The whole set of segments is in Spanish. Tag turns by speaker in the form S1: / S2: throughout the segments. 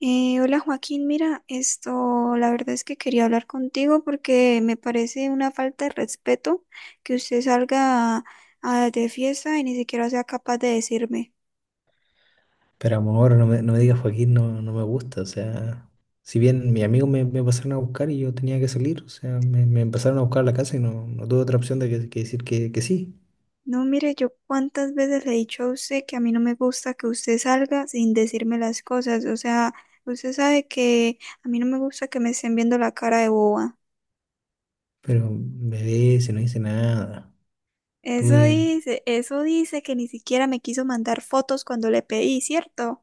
S1: Hola, Joaquín, mira, esto, la verdad es que quería hablar contigo porque me parece una falta de respeto que usted salga de fiesta y ni siquiera sea capaz de decirme.
S2: Pero amor, no me digas Joaquín, no, no me gusta. O sea, si bien mis amigos me pasaron a buscar y yo tenía que salir, o sea, me empezaron a buscar a la casa y no tuve otra opción de que decir que sí.
S1: No, mire, yo cuántas veces le he dicho a usted que a mí no me gusta que usted salga sin decirme las cosas. O sea, usted sabe que a mí no me gusta que me estén viendo la cara de boba.
S2: Pero me ve, si no hice nada. Tuve.
S1: Eso dice que ni siquiera me quiso mandar fotos cuando le pedí, ¿cierto?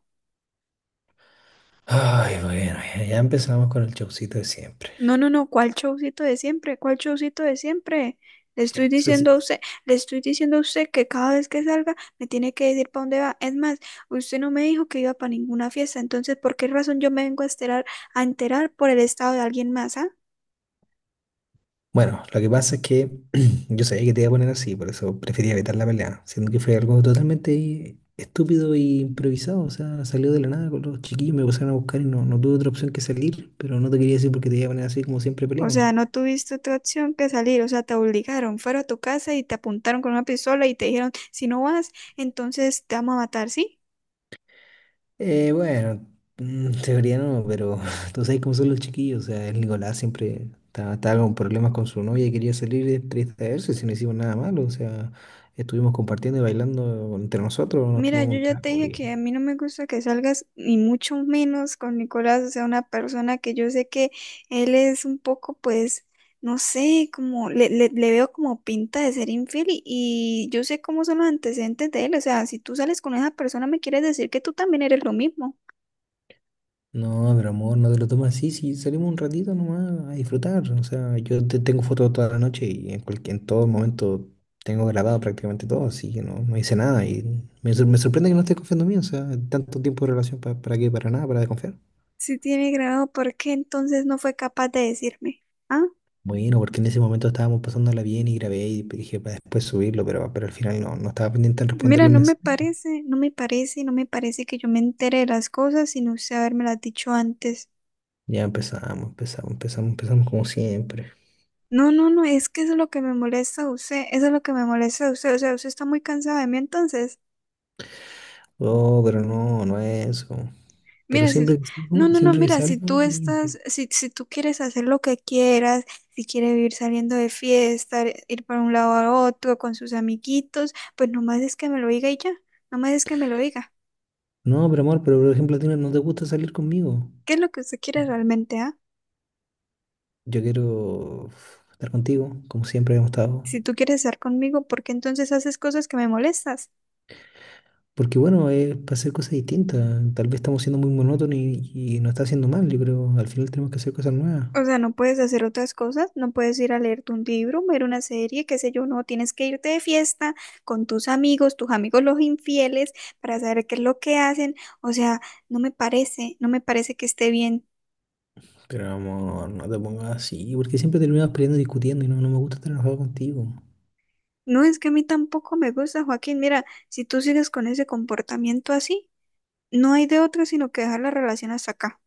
S2: Ay, bueno, ya empezamos con el showcito de siempre.
S1: No, no, no, ¿cuál showcito de siempre? ¿Cuál showcito de siempre? Le estoy diciendo a usted, le estoy diciendo a usted que cada vez que salga me tiene que decir para dónde va. Es más, usted no me dijo que iba para ninguna fiesta, entonces, ¿por qué razón yo me vengo a enterar por el estado de alguien más, ah?
S2: Bueno, lo que pasa es que yo sabía que te iba a poner así, por eso prefería evitar la pelea, siendo que fue algo totalmente estúpido e improvisado, o sea, salió de la nada con los chiquillos, me pusieron a buscar y no tuve otra opción que salir, pero no te quería decir porque te iba a poner así como siempre
S1: O
S2: peleamos.
S1: sea, no tuviste otra opción que salir, o sea, te obligaron, fueron a tu casa y te apuntaron con una pistola y te dijeron, si no vas, entonces te vamos a matar, ¿sí?
S2: Bueno, teoría no, pero tú sabes cómo son los chiquillos, o sea, el Nicolás siempre estaba con problemas con su novia y quería salir de distraerse si no hicimos nada malo, o sea, estuvimos compartiendo y bailando entre nosotros, nos
S1: Mira,
S2: tomamos
S1: yo
S2: un
S1: ya te
S2: trago
S1: dije
S2: y.
S1: que a mí no me gusta que salgas ni mucho menos con Nicolás, o sea, una persona que yo sé que él es un poco, pues, no sé, como le veo como pinta de ser infiel y yo sé cómo son los antecedentes de él. O sea, si tú sales con esa persona me quieres decir que tú también eres lo mismo.
S2: No, pero amor, no te lo tomas así, si salimos un ratito nomás a disfrutar. O sea, yo te tengo fotos toda la noche y en cualquier, en todo momento tengo grabado prácticamente todo, así que no hice nada. Y me sorprende que no estés confiando en mí, o sea, tanto tiempo de relación para qué, para nada, para desconfiar.
S1: Si tiene grado, ¿por qué entonces no fue capaz de decirme? Ah,
S2: Bueno, porque en ese momento estábamos pasándola bien y grabé y dije para después subirlo, pero al final no estaba pendiente en responder
S1: mira,
S2: los
S1: no me
S2: mensajes.
S1: parece, no me parece, no me parece que yo me entere de las cosas sin usted habérmelas dicho antes.
S2: Ya empezamos, empezamos, empezamos, empezamos como siempre.
S1: No, no, no, es que eso es lo que me molesta a usted, eso es lo que me molesta a usted, o sea, usted está muy cansada de mí, entonces,
S2: Oh, pero no es eso. Pero
S1: mira,
S2: siempre que
S1: no,
S2: salgo,
S1: no, no,
S2: siempre que
S1: mira, si
S2: salgo.
S1: tú estás, si, si tú quieres hacer lo que quieras, si quieres vivir saliendo de fiesta, ir para un lado a otro con sus amiguitos, pues nomás es que me lo diga y ya, nomás es que me lo diga.
S2: No, pero amor, pero por ejemplo, a ti no te gusta salir conmigo.
S1: ¿Qué es lo que usted quiere realmente, ah?
S2: Yo quiero uf, estar contigo, como siempre hemos estado.
S1: Si tú quieres estar conmigo, ¿por qué entonces haces cosas que me molestas?
S2: Porque bueno, es para hacer cosas distintas. Tal vez estamos siendo muy monótonos y nos está haciendo mal. Yo creo, al final tenemos que hacer cosas nuevas.
S1: O sea, no puedes hacer otras cosas, no puedes ir a leerte un libro, ver una serie, qué sé yo, no, tienes que irte de fiesta con tus amigos los infieles, para saber qué es lo que hacen. O sea, no me parece, no me parece que esté bien.
S2: Pero amor, no te pongas así, porque siempre terminamos peleando y discutiendo y no me gusta estar enojado contigo.
S1: No, es que a mí tampoco me gusta, Joaquín. Mira, si tú sigues con ese comportamiento así, no hay de otra sino que dejar la relación hasta acá.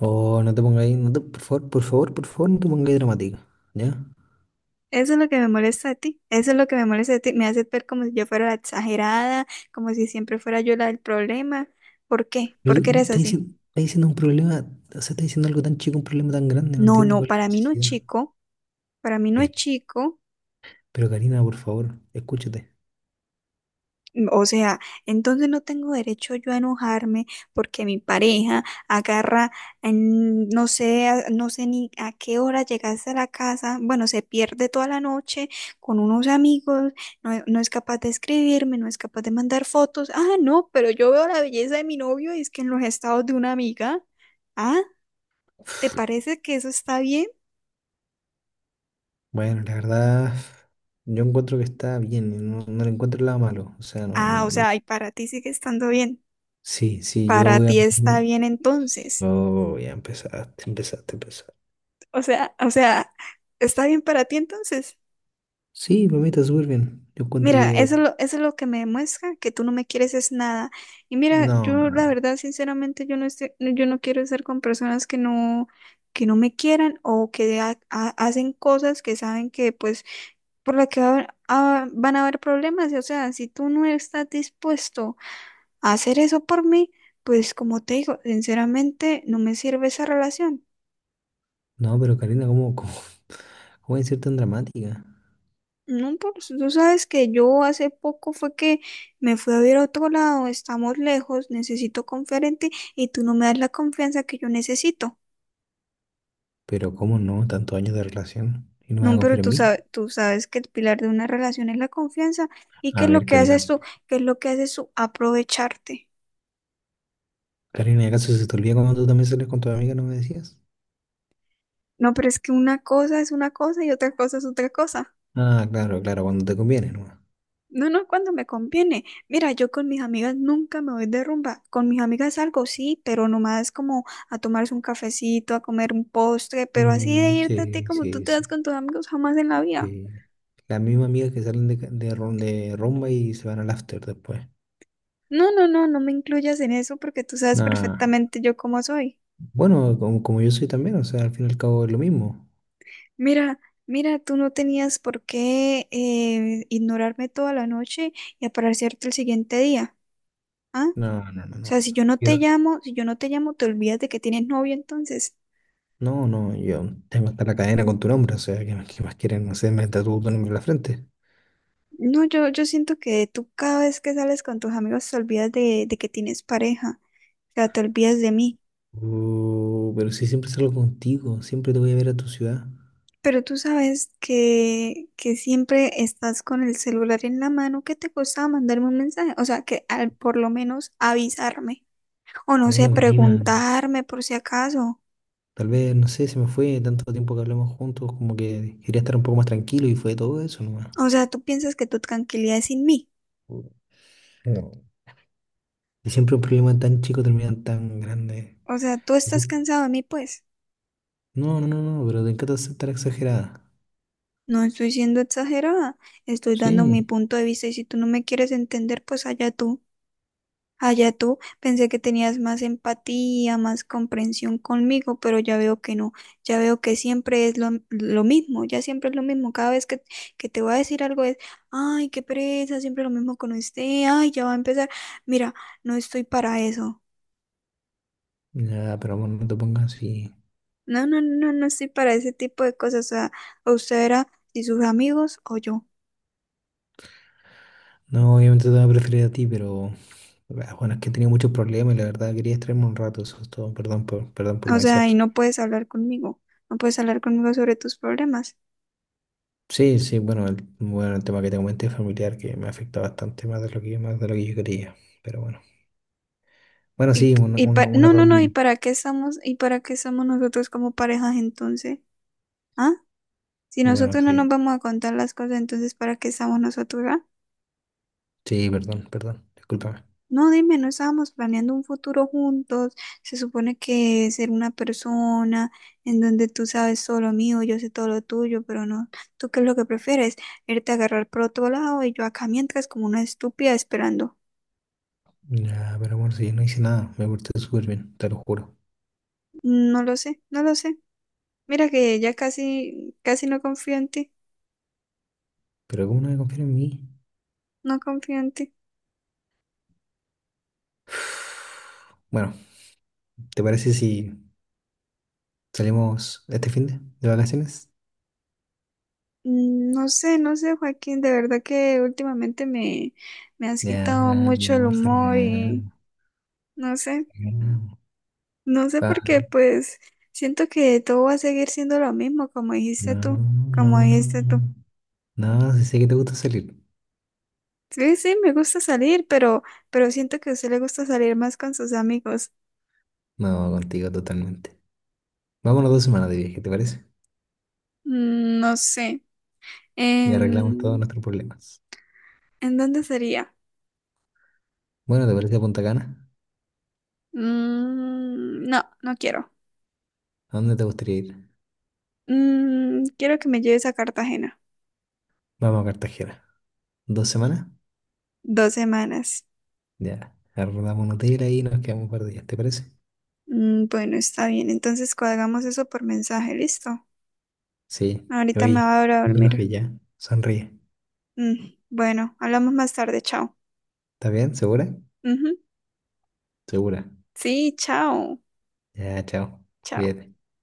S2: Oh, no te pongas ahí, no te- por favor, por favor, por favor, no te pongas ahí dramático, ¿ya?
S1: Eso es lo que me molesta de ti, eso es lo que me molesta de ti, me hace ver como si yo fuera la exagerada, como si siempre fuera yo la del problema. ¿Por qué?
S2: Pero
S1: ¿Por
S2: tú
S1: qué eres
S2: estás
S1: así?
S2: diciendo, estás diciendo un problema, o sea, estás diciendo algo tan chico, un problema tan grande, no
S1: No,
S2: entiendo
S1: no,
S2: cuál es la
S1: para mí no es
S2: necesidad.
S1: chico, para mí no es chico.
S2: Pero Karina, por favor, escúchate.
S1: O sea, entonces no tengo derecho yo a enojarme porque mi pareja agarra, no sé, no sé ni a qué hora llegaste a la casa, bueno, se pierde toda la noche con unos amigos, no, no es capaz de escribirme, no es capaz de mandar fotos. Ah, no, pero yo veo la belleza de mi novio y es que en los estados de una amiga. Ah, ¿te parece que eso está bien?
S2: Bueno, la verdad, yo encuentro que está bien, y no le encuentro nada malo. O sea,
S1: Ah, o sea, y para ti sigue estando bien.
S2: Sí, sí, yo
S1: Para
S2: voy a.
S1: ti está bien entonces.
S2: Oh, ya empezaste, empezaste, empezaste.
S1: O sea, está bien para ti entonces.
S2: Sí, para mí está súper bien. Yo encuentro
S1: Mira,
S2: que.
S1: eso es lo que me demuestra que tú no me quieres es nada. Y mira,
S2: No, no,
S1: yo
S2: no.
S1: la
S2: No,
S1: verdad, sinceramente, yo no quiero estar con personas que no me quieran o que hacen cosas que saben que pues por la que ah, van a haber problemas. Y, o sea, si tú no estás dispuesto a hacer eso por mí, pues como te digo, sinceramente no me sirve esa relación.
S2: no, pero Karina, ¿cómo, cómo es ser tan dramática?
S1: No, pues tú sabes que yo hace poco fue que me fui a ver a otro lado, estamos lejos, necesito conferente y tú no me das la confianza que yo necesito.
S2: Pero ¿cómo no? Tantos años de relación. ¿Y no me vas
S1: No,
S2: a
S1: pero
S2: confiar en mí?
S1: tú sabes que el pilar de una relación es la confianza y
S2: A
S1: que lo
S2: ver,
S1: que
S2: Karina.
S1: haces tú, que es lo que haces tú, aprovecharte.
S2: Karina, ¿y acaso se te olvida cuando tú también sales con tu amiga, no me decías?
S1: No, pero es que una cosa es una cosa y otra cosa es otra cosa.
S2: Ah, claro, claro, cuando te conviene, ¿no?
S1: No, no, cuando me conviene. Mira, yo con mis amigas nunca me voy de rumba. Con mis amigas salgo, sí, pero nomás como a tomarse un cafecito, a comer un postre, pero así de
S2: Mm,
S1: irte a ti
S2: sí,
S1: como tú
S2: sí,
S1: te vas
S2: sí,
S1: con tus amigos jamás en la vida.
S2: sí. Las mismas amigas que salen de rumba y se van al after después.
S1: No, no, no, no me incluyas en eso porque tú sabes
S2: Nah.
S1: perfectamente yo cómo soy.
S2: Bueno, como, como yo soy también, o sea, al fin y al cabo es lo mismo.
S1: Mira, mira, tú no tenías por qué ignorarme toda la noche y aparecerte el siguiente día, ¿ah?
S2: No, no, no,
S1: O
S2: no.
S1: sea, si yo no
S2: Yo
S1: te llamo, si yo no te llamo, te olvidas de que tienes novio entonces.
S2: no, yo tengo hasta la cadena con tu nombre, o sea, qué más quieren? No sé, me tatúo tu nombre en la frente.
S1: No, yo siento que tú cada vez que sales con tus amigos te olvidas de que tienes pareja, o sea, te olvidas de mí,
S2: Pero si siempre salgo contigo, siempre te voy a ver a tu ciudad.
S1: pero tú sabes que siempre estás con el celular en la mano, ¿qué te costaba mandarme un mensaje? O sea, que al, por lo menos avisarme, o no sé,
S2: Bueno, Karina,
S1: preguntarme por si acaso,
S2: tal vez, no sé, se me fue tanto tiempo que hablamos juntos, como que quería estar un poco más tranquilo y fue todo eso nomás.
S1: o sea, tú piensas que tu tranquilidad es sin mí,
S2: No. Y siempre un problema tan chico terminan tan grande.
S1: o sea, tú
S2: Me
S1: estás
S2: gust-
S1: cansado de mí, pues.
S2: No, no, no, no, pero te encanta ser tan exagerada.
S1: No estoy siendo exagerada, estoy dando mi
S2: Sí.
S1: punto de vista y si tú no me quieres entender, pues allá tú. Allá tú, pensé que tenías más empatía, más comprensión conmigo, pero ya veo que no, ya veo que siempre es lo mismo, ya siempre es lo mismo, cada vez que te voy a decir algo es, ay, qué pereza, siempre lo mismo con usted, ay, ya va a empezar, mira, no estoy para eso,
S2: Ya, pero amor, no te pongas así.
S1: no, no, no, no estoy para ese tipo de cosas, o sea, o usted era y sus amigos o yo,
S2: No, obviamente te voy a preferir a ti, pero ah, bueno, es que he tenido muchos problemas y la verdad quería distraerme un rato, eso es todo. Perdón por, perdón por no
S1: o sea, y
S2: avisarte.
S1: no puedes hablar conmigo, no puedes hablar conmigo sobre tus problemas.
S2: Sí, sí, bueno, el tema que te comenté familiar que me afecta bastante más de lo que, más de lo que yo quería. Pero bueno. Bueno, sí, un, un, un
S1: No, no,
S2: error
S1: no, ¿y
S2: mío.
S1: para qué estamos, y para qué estamos nosotros como parejas entonces? ¿Ah? Si
S2: Bueno,
S1: nosotros no nos
S2: sí.
S1: vamos a contar las cosas, entonces ¿para qué estamos nosotros, ah?
S2: Sí, perdón, perdón. Discúlpame.
S1: No, dime, no estábamos planeando un futuro juntos. Se supone que ser una persona en donde tú sabes todo lo mío, yo sé todo lo tuyo, pero no. ¿Tú qué es lo que prefieres? Irte a agarrar por otro lado y yo acá mientras como una estúpida esperando.
S2: Ya, pero amor, si yo no hice nada, me porté súper bien, te lo juro.
S1: No lo sé, no lo sé. Mira que ya casi, casi no confío en ti,
S2: Pero ¿cómo no me confiar en mí?
S1: no confío en ti.
S2: Bueno, ¿te parece si salimos este fin de vacaciones?
S1: No sé, no sé, Joaquín, de verdad que últimamente me, me has
S2: Ya, mi
S1: quitado mucho el
S2: amor,
S1: humor y
S2: salgamos.
S1: no sé,
S2: Salgamos.
S1: no sé
S2: Pa-
S1: por qué, pues siento que todo va a seguir siendo lo mismo, como
S2: No,
S1: dijiste tú, como
S2: no, no,
S1: dijiste
S2: no,
S1: tú.
S2: no. No, si sé que te gusta salir.
S1: Sí, sí, me gusta salir, pero siento que a usted le gusta salir más con sus amigos.
S2: No, contigo totalmente. Vámonos 2 semanas de viaje, ¿te parece?
S1: No sé,
S2: Y
S1: en
S2: arreglamos todos nuestros problemas.
S1: ¿en dónde sería?
S2: Bueno, ¿te parece Punta Cana?
S1: Mm, no, no quiero.
S2: ¿A dónde te gustaría ir?
S1: Mm, quiero que me lleves a Cartagena.
S2: Vamos a Cartagena. ¿2 semanas?
S1: Dos semanas.
S2: Ya, arrendamos un hotel ahí y nos quedamos un par de días, ¿te parece?
S1: Bueno, está bien. Entonces cuadramos eso por mensaje, listo.
S2: Sí,
S1: Ahorita me
S2: oye,
S1: voy a ir a
S2: no te
S1: dormir.
S2: enojes ya, sonríe.
S1: Bueno, hablamos más tarde, chao.
S2: ¿Está bien? ¿Segura?
S1: Ujú.
S2: Segura.
S1: Sí, chao.
S2: Ya, chao,
S1: Chao.
S2: cuídate.